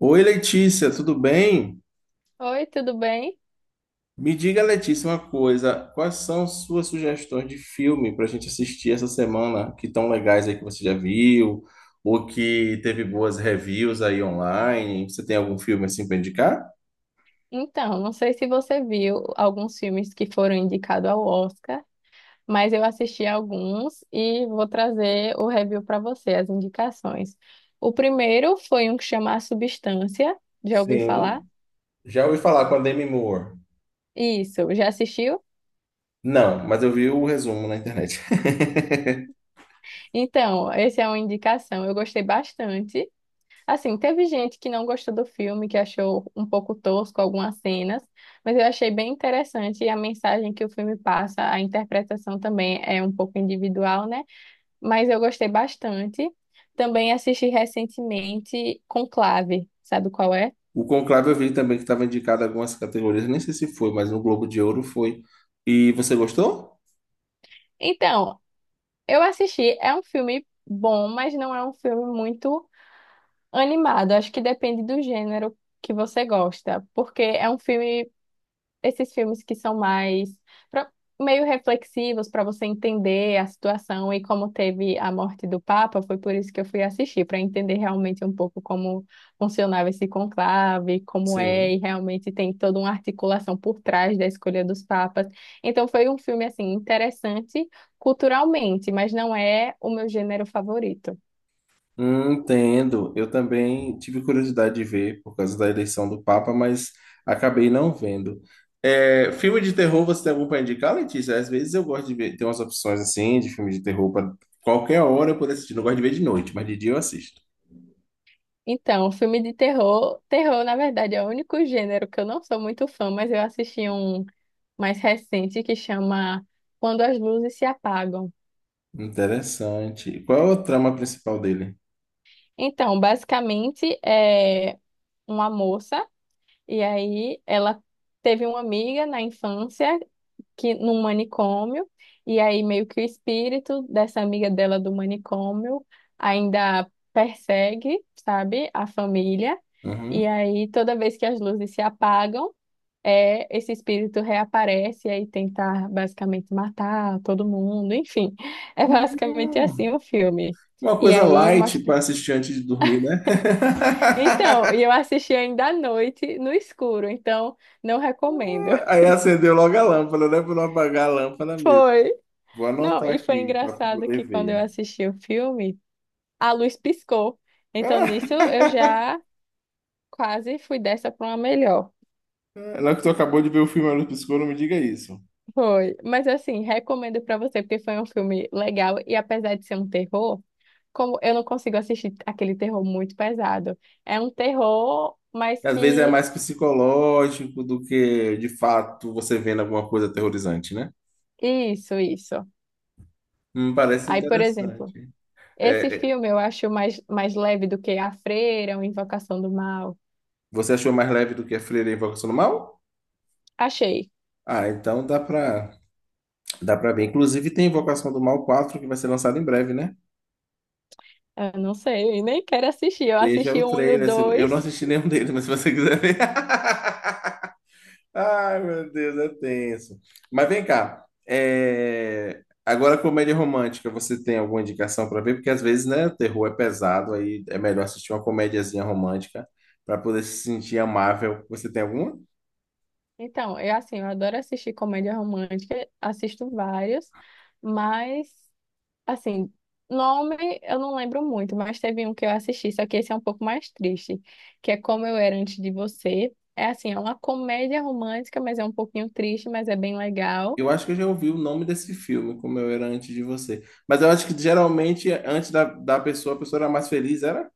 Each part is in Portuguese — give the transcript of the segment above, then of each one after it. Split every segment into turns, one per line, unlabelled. Oi, Letícia, tudo bem?
Oi, tudo bem?
Me diga, Letícia, uma coisa. Quais são suas sugestões de filme para a gente assistir essa semana que tão legais aí que você já viu ou que teve boas reviews aí online? Você tem algum filme assim para indicar?
Então, não sei se você viu alguns filmes que foram indicados ao Oscar, mas eu assisti alguns e vou trazer o review para você, as indicações. O primeiro foi um que chama A Substância, já ouviu falar?
Sim. Já ouvi falar com a Demi Moore.
Isso, já assistiu?
Não, mas eu vi o resumo na internet.
Então, essa é uma indicação, eu gostei bastante. Assim, teve gente que não gostou do filme, que achou um pouco tosco algumas cenas, mas eu achei bem interessante e a mensagem que o filme passa, a interpretação também é um pouco individual, né? Mas eu gostei bastante. Também assisti recentemente Conclave, sabe qual é?
O Conclave eu vi também que estava indicado em algumas categorias, nem sei se foi, mas no Globo de Ouro foi. E você gostou?
Então, eu assisti, é um filme bom, mas não é um filme muito animado. Acho que depende do gênero que você gosta, porque é um filme esses filmes que são mais pra- meio reflexivos para você entender a situação e como teve a morte do Papa, foi por isso que eu fui assistir, para entender realmente um pouco como funcionava esse conclave, como é, e
Sim.
realmente tem toda uma articulação por trás da escolha dos papas. Então foi um filme assim interessante culturalmente, mas não é o meu gênero favorito.
Entendo. Eu também tive curiosidade de ver por causa da eleição do Papa, mas acabei não vendo. É, filme de terror, você tem algum para indicar, Letícia? Às vezes eu gosto de ver, tem umas opções assim de filme de terror para qualquer hora eu poder assistir. Não gosto de ver de noite, mas de dia eu assisto.
Então, filme de terror, terror, na verdade, é o único gênero que eu não sou muito fã, mas eu assisti um mais recente que chama Quando as Luzes Se Apagam.
Interessante. Qual é o trama principal dele?
Então, basicamente é uma moça e aí ela teve uma amiga na infância que num manicômio e aí meio que o espírito dessa amiga dela do manicômio ainda persegue, sabe, a família. E
Uhum.
aí toda vez que as luzes se apagam esse espírito reaparece e aí tentar basicamente matar todo mundo, enfim. É basicamente
Hum.
assim o filme.
Uma
E
coisa
aí
light
mostra.
para assistir antes de dormir, né?
Então, e eu assisti ainda à noite no escuro, então não recomendo.
Aí acendeu logo a lâmpada, né? Para não apagar a lâmpada mesmo.
Foi.
Vou
Não,
anotar
e foi
aqui para
engraçado que
poder
quando eu
ver.
assisti o filme, a luz piscou. Então nisso eu já quase fui dessa para uma melhor.
Lá que tu acabou de ver o filme Olho Piscou, não me diga isso.
Foi. Mas assim, recomendo para você porque foi um filme legal e apesar de ser um terror como eu não consigo assistir aquele terror muito pesado. É um terror, mas
Às vezes é
que.
mais psicológico do que, de fato, você vendo alguma coisa aterrorizante, né?
Isso, isso.
Parece
Aí, por exemplo,
interessante.
esse
É, é,
filme eu acho mais leve do que A Freira, ou Invocação do Mal.
você achou mais leve do que a Freira e a Invocação do Mal?
Achei.
Ah, então dá pra ver. Inclusive tem Invocação do Mal 4 que vai ser lançado em breve, né?
Eu não sei, nem quero assistir. Eu
Veja o
assisti o um e o
trailer. Eu não
dois.
assisti nenhum deles, mas se você quiser ver. Ai, meu Deus, é tenso. Mas vem cá. Agora, comédia romântica, você tem alguma indicação pra ver? Porque às vezes, né, o terror é pesado, aí é melhor assistir uma comediazinha romântica pra poder se sentir amável. Você tem alguma?
Então, eu assim, eu adoro assistir comédia romântica, assisto vários, mas. Assim, nome eu não lembro muito, mas teve um que eu assisti, só que esse é um pouco mais triste, que é Como Eu Era Antes de Você. É assim, é uma comédia romântica, mas é um pouquinho triste, mas é bem legal.
Eu acho que eu já ouvi o nome desse filme, como eu era antes de você. Mas eu acho que geralmente, antes da pessoa, a pessoa era mais feliz, era?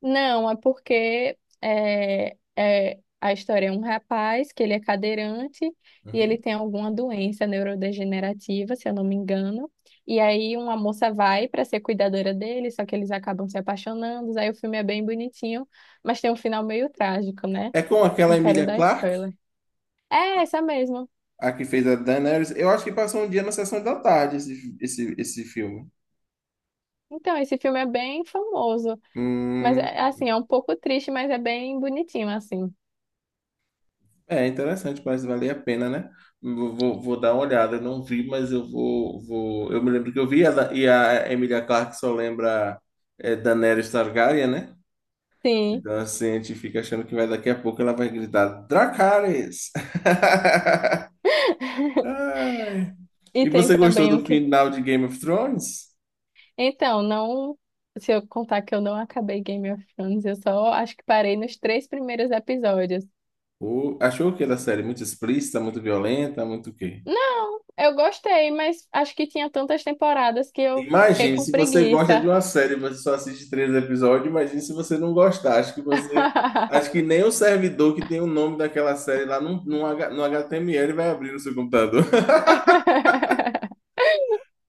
Não, é porque a história é um rapaz que ele é cadeirante e ele
Uhum.
tem alguma doença neurodegenerativa, se eu não me engano. E aí uma moça vai para ser cuidadora dele, só que eles acabam se apaixonando. Aí o filme é bem bonitinho, mas tem um final meio trágico, né?
É com
Não
aquela
quero
Emilia
dar
Clarke,
spoiler. É essa mesmo.
a que fez a Daenerys. Eu acho que passou um dia na sessão da tarde esse filme.
Então, esse filme é bem famoso, mas
Hum,
é, assim, é um pouco triste, mas é bem bonitinho assim.
é interessante, parece valer a pena, né? Vou dar uma olhada. Eu não vi, mas eu vou. Eu me lembro que eu vi, e a Emilia Clarke só lembra Daenerys Targaryen, né?
Sim.
Então, assim, a gente fica achando que vai daqui a pouco ela vai gritar Dracarys! Ai.
E
E
tem
você gostou
também o
do
que
final de Game of Thrones?
Então, não se eu contar que eu não acabei Game of Thrones, eu só acho que parei nos três primeiros episódios.
Ou achou que era série muito explícita, muito violenta, muito o quê?
Não, eu gostei, mas acho que tinha tantas temporadas que eu fiquei
Imagine,
com
se você gosta de
preguiça.
uma série e você só assiste três episódios, imagine se você não gostar. Acho que você. Acho que nem o servidor que tem o nome daquela série lá no HTML vai abrir no seu computador.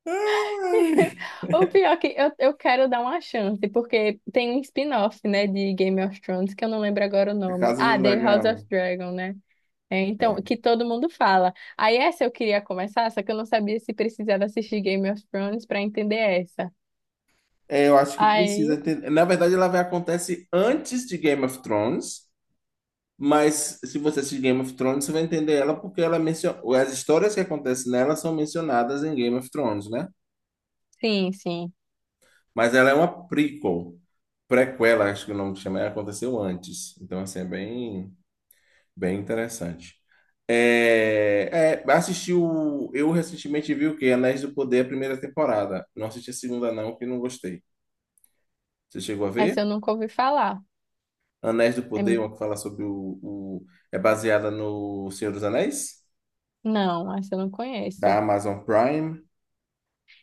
Ai.
O pior é que eu quero dar uma chance, porque tem um spin-off, né, de Game of Thrones, que eu não lembro agora o
A
nome.
Casa do
Ah, The House of
Dragão.
Dragon, né? É, então,
É.
que todo mundo fala. Aí essa eu queria começar, só que eu não sabia se precisava assistir Game of Thrones pra entender essa.
É, eu acho que precisa
Aí,
ter. Na verdade, ela vai acontece antes de Game of Thrones, mas se você assistir Game of Thrones, você vai entender ela porque ela menciona. As histórias que acontecem nela são mencionadas em Game of Thrones, né?
sim, sim.
Mas ela é uma prequel, prequela, acho que o nome chama, ela aconteceu antes. Então, assim, é bem, bem interessante. Assisti o. Eu recentemente vi o quê? Anéis do Poder, a primeira temporada. Não assisti a segunda, não, que não gostei. Você chegou a ver?
Essa eu nunca ouvi falar.
Anéis do
É,
Poder, uma que fala sobre É baseada no Senhor dos Anéis,
não, essa eu não conheço.
da Amazon Prime.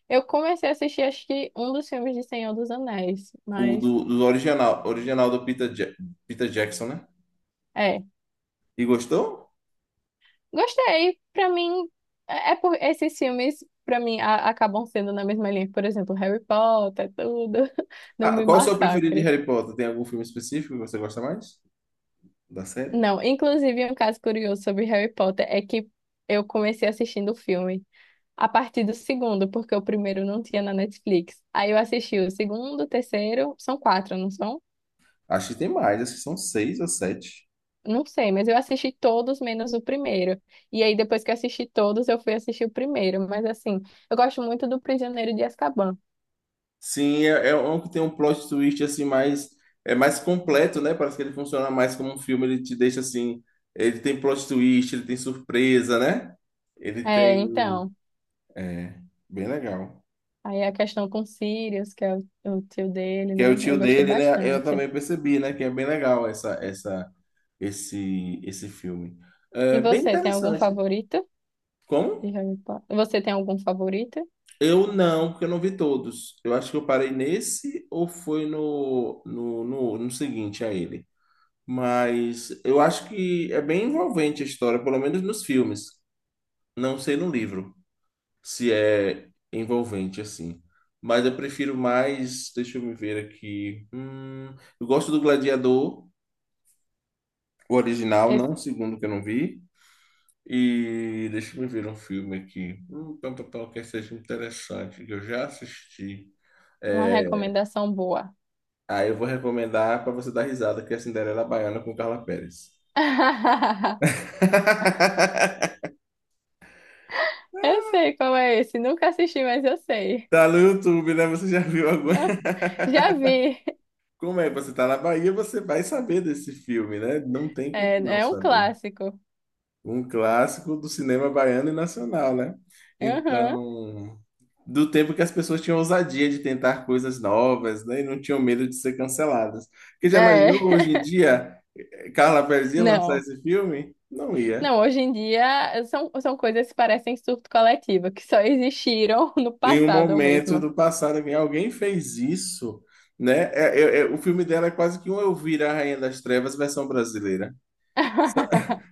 Eu comecei a assistir, acho que um dos filmes de Senhor dos Anéis,
O
mas.
do original, original do Peter Jackson, né?
É,
E gostou?
gostei. Pra mim, é por esses filmes, pra mim, acabam sendo na mesma linha. Por exemplo, Harry Potter, tudo. Não
Ah,
me
qual é o seu preferido de
massacre.
Harry Potter? Tem algum filme específico que você gosta mais da série?
Não, inclusive, um caso curioso sobre Harry Potter é que eu comecei assistindo o filme a partir do segundo, porque o primeiro não tinha na Netflix. Aí eu assisti o segundo, o terceiro, são quatro, não são?
Acho que tem mais, acho que são seis ou sete.
Não sei, mas eu assisti todos menos o primeiro. E aí, depois que eu assisti todos, eu fui assistir o primeiro. Mas assim, eu gosto muito do Prisioneiro de Azkaban.
Sim, é um que tem um plot twist assim mais... É mais completo, né? Parece que ele funciona mais como um filme, ele te deixa assim... Ele tem plot twist, ele tem surpresa, né? Ele
É,
tem.
então.
É, bem legal.
Aí a questão com Sirius, que é o tio dele,
Que é o
né?
tio
Eu gostei
dele, né? Eu
bastante.
também percebi, né? Que é bem legal esse, esse filme. É
E
bem
você, tem algum
interessante.
favorito de
Como?
Harry Potter? Você tem algum favorito?
Eu não, porque eu não vi todos. Eu acho que eu parei nesse ou foi no seguinte a ele. Mas eu acho que é bem envolvente a história, pelo menos nos filmes. Não sei no livro. Se é envolvente assim. Mas eu prefiro mais, deixa eu me ver aqui. Eu gosto do Gladiador, o original, não
Esse-
o segundo que eu não vi. E deixa eu me ver um filme aqui. Pá, pá, pá, que seja interessante, que eu já assisti.
uma
É,
recomendação boa.
aí eu vou recomendar para você dar risada, que é Cinderela Baiana com Carla Pérez.
Eu sei qual é esse. Nunca assisti, mas eu sei.
Tá no YouTube, né? Você já viu agora?
Já vi.
Como é? Você tá na Bahia, você vai saber desse filme, né? Não tem como
É,
não
é um
saber.
clássico.
Um clássico do cinema baiano e nacional, né?
Aham.
Então, do tempo que as pessoas tinham ousadia de tentar coisas novas, né? E não tinham medo de ser canceladas. Porque já
É.
imaginou hoje em dia Carla Perez ia lançar
Não.
esse filme? Não ia.
Não, hoje em dia são, coisas que parecem surto coletivo, que só existiram no
Em um
passado
momento
mesmo.
do passado, que alguém fez isso, né? O filme dela é quase que um Elvira, a Rainha das Trevas, versão brasileira. Só,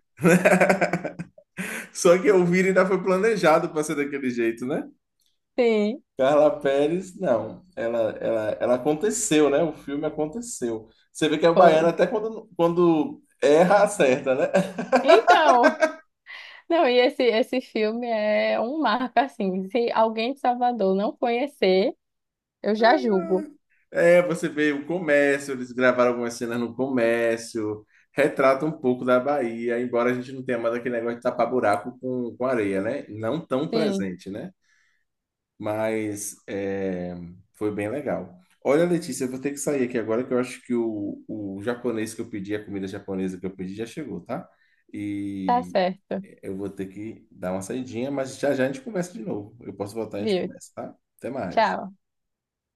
só que Elvira ainda foi planejado para ser daquele jeito, né?
Sim,
Carla Pérez, não. Ela aconteceu, né? O filme aconteceu. Você vê que a baiana,
foi.
até quando erra, acerta, né?
Então. Não, e esse filme é um marco, assim. Se alguém de Salvador não conhecer, eu já julgo.
É, você vê o comércio, eles gravaram algumas cenas no comércio, retrata um pouco da Bahia, embora a gente não tenha mais aquele negócio de tapar buraco com areia, né? Não tão
Sim,
presente, né? Mas é, foi bem legal. Olha, Letícia, eu vou ter que sair aqui agora, que eu acho que o japonês que eu pedi, a comida japonesa que eu pedi, já chegou, tá?
tá
E
certo.
eu vou ter que dar uma saidinha, mas já já a gente conversa de novo. Eu posso voltar e a gente
Viu?
conversa, tá? Até mais.
Tchau.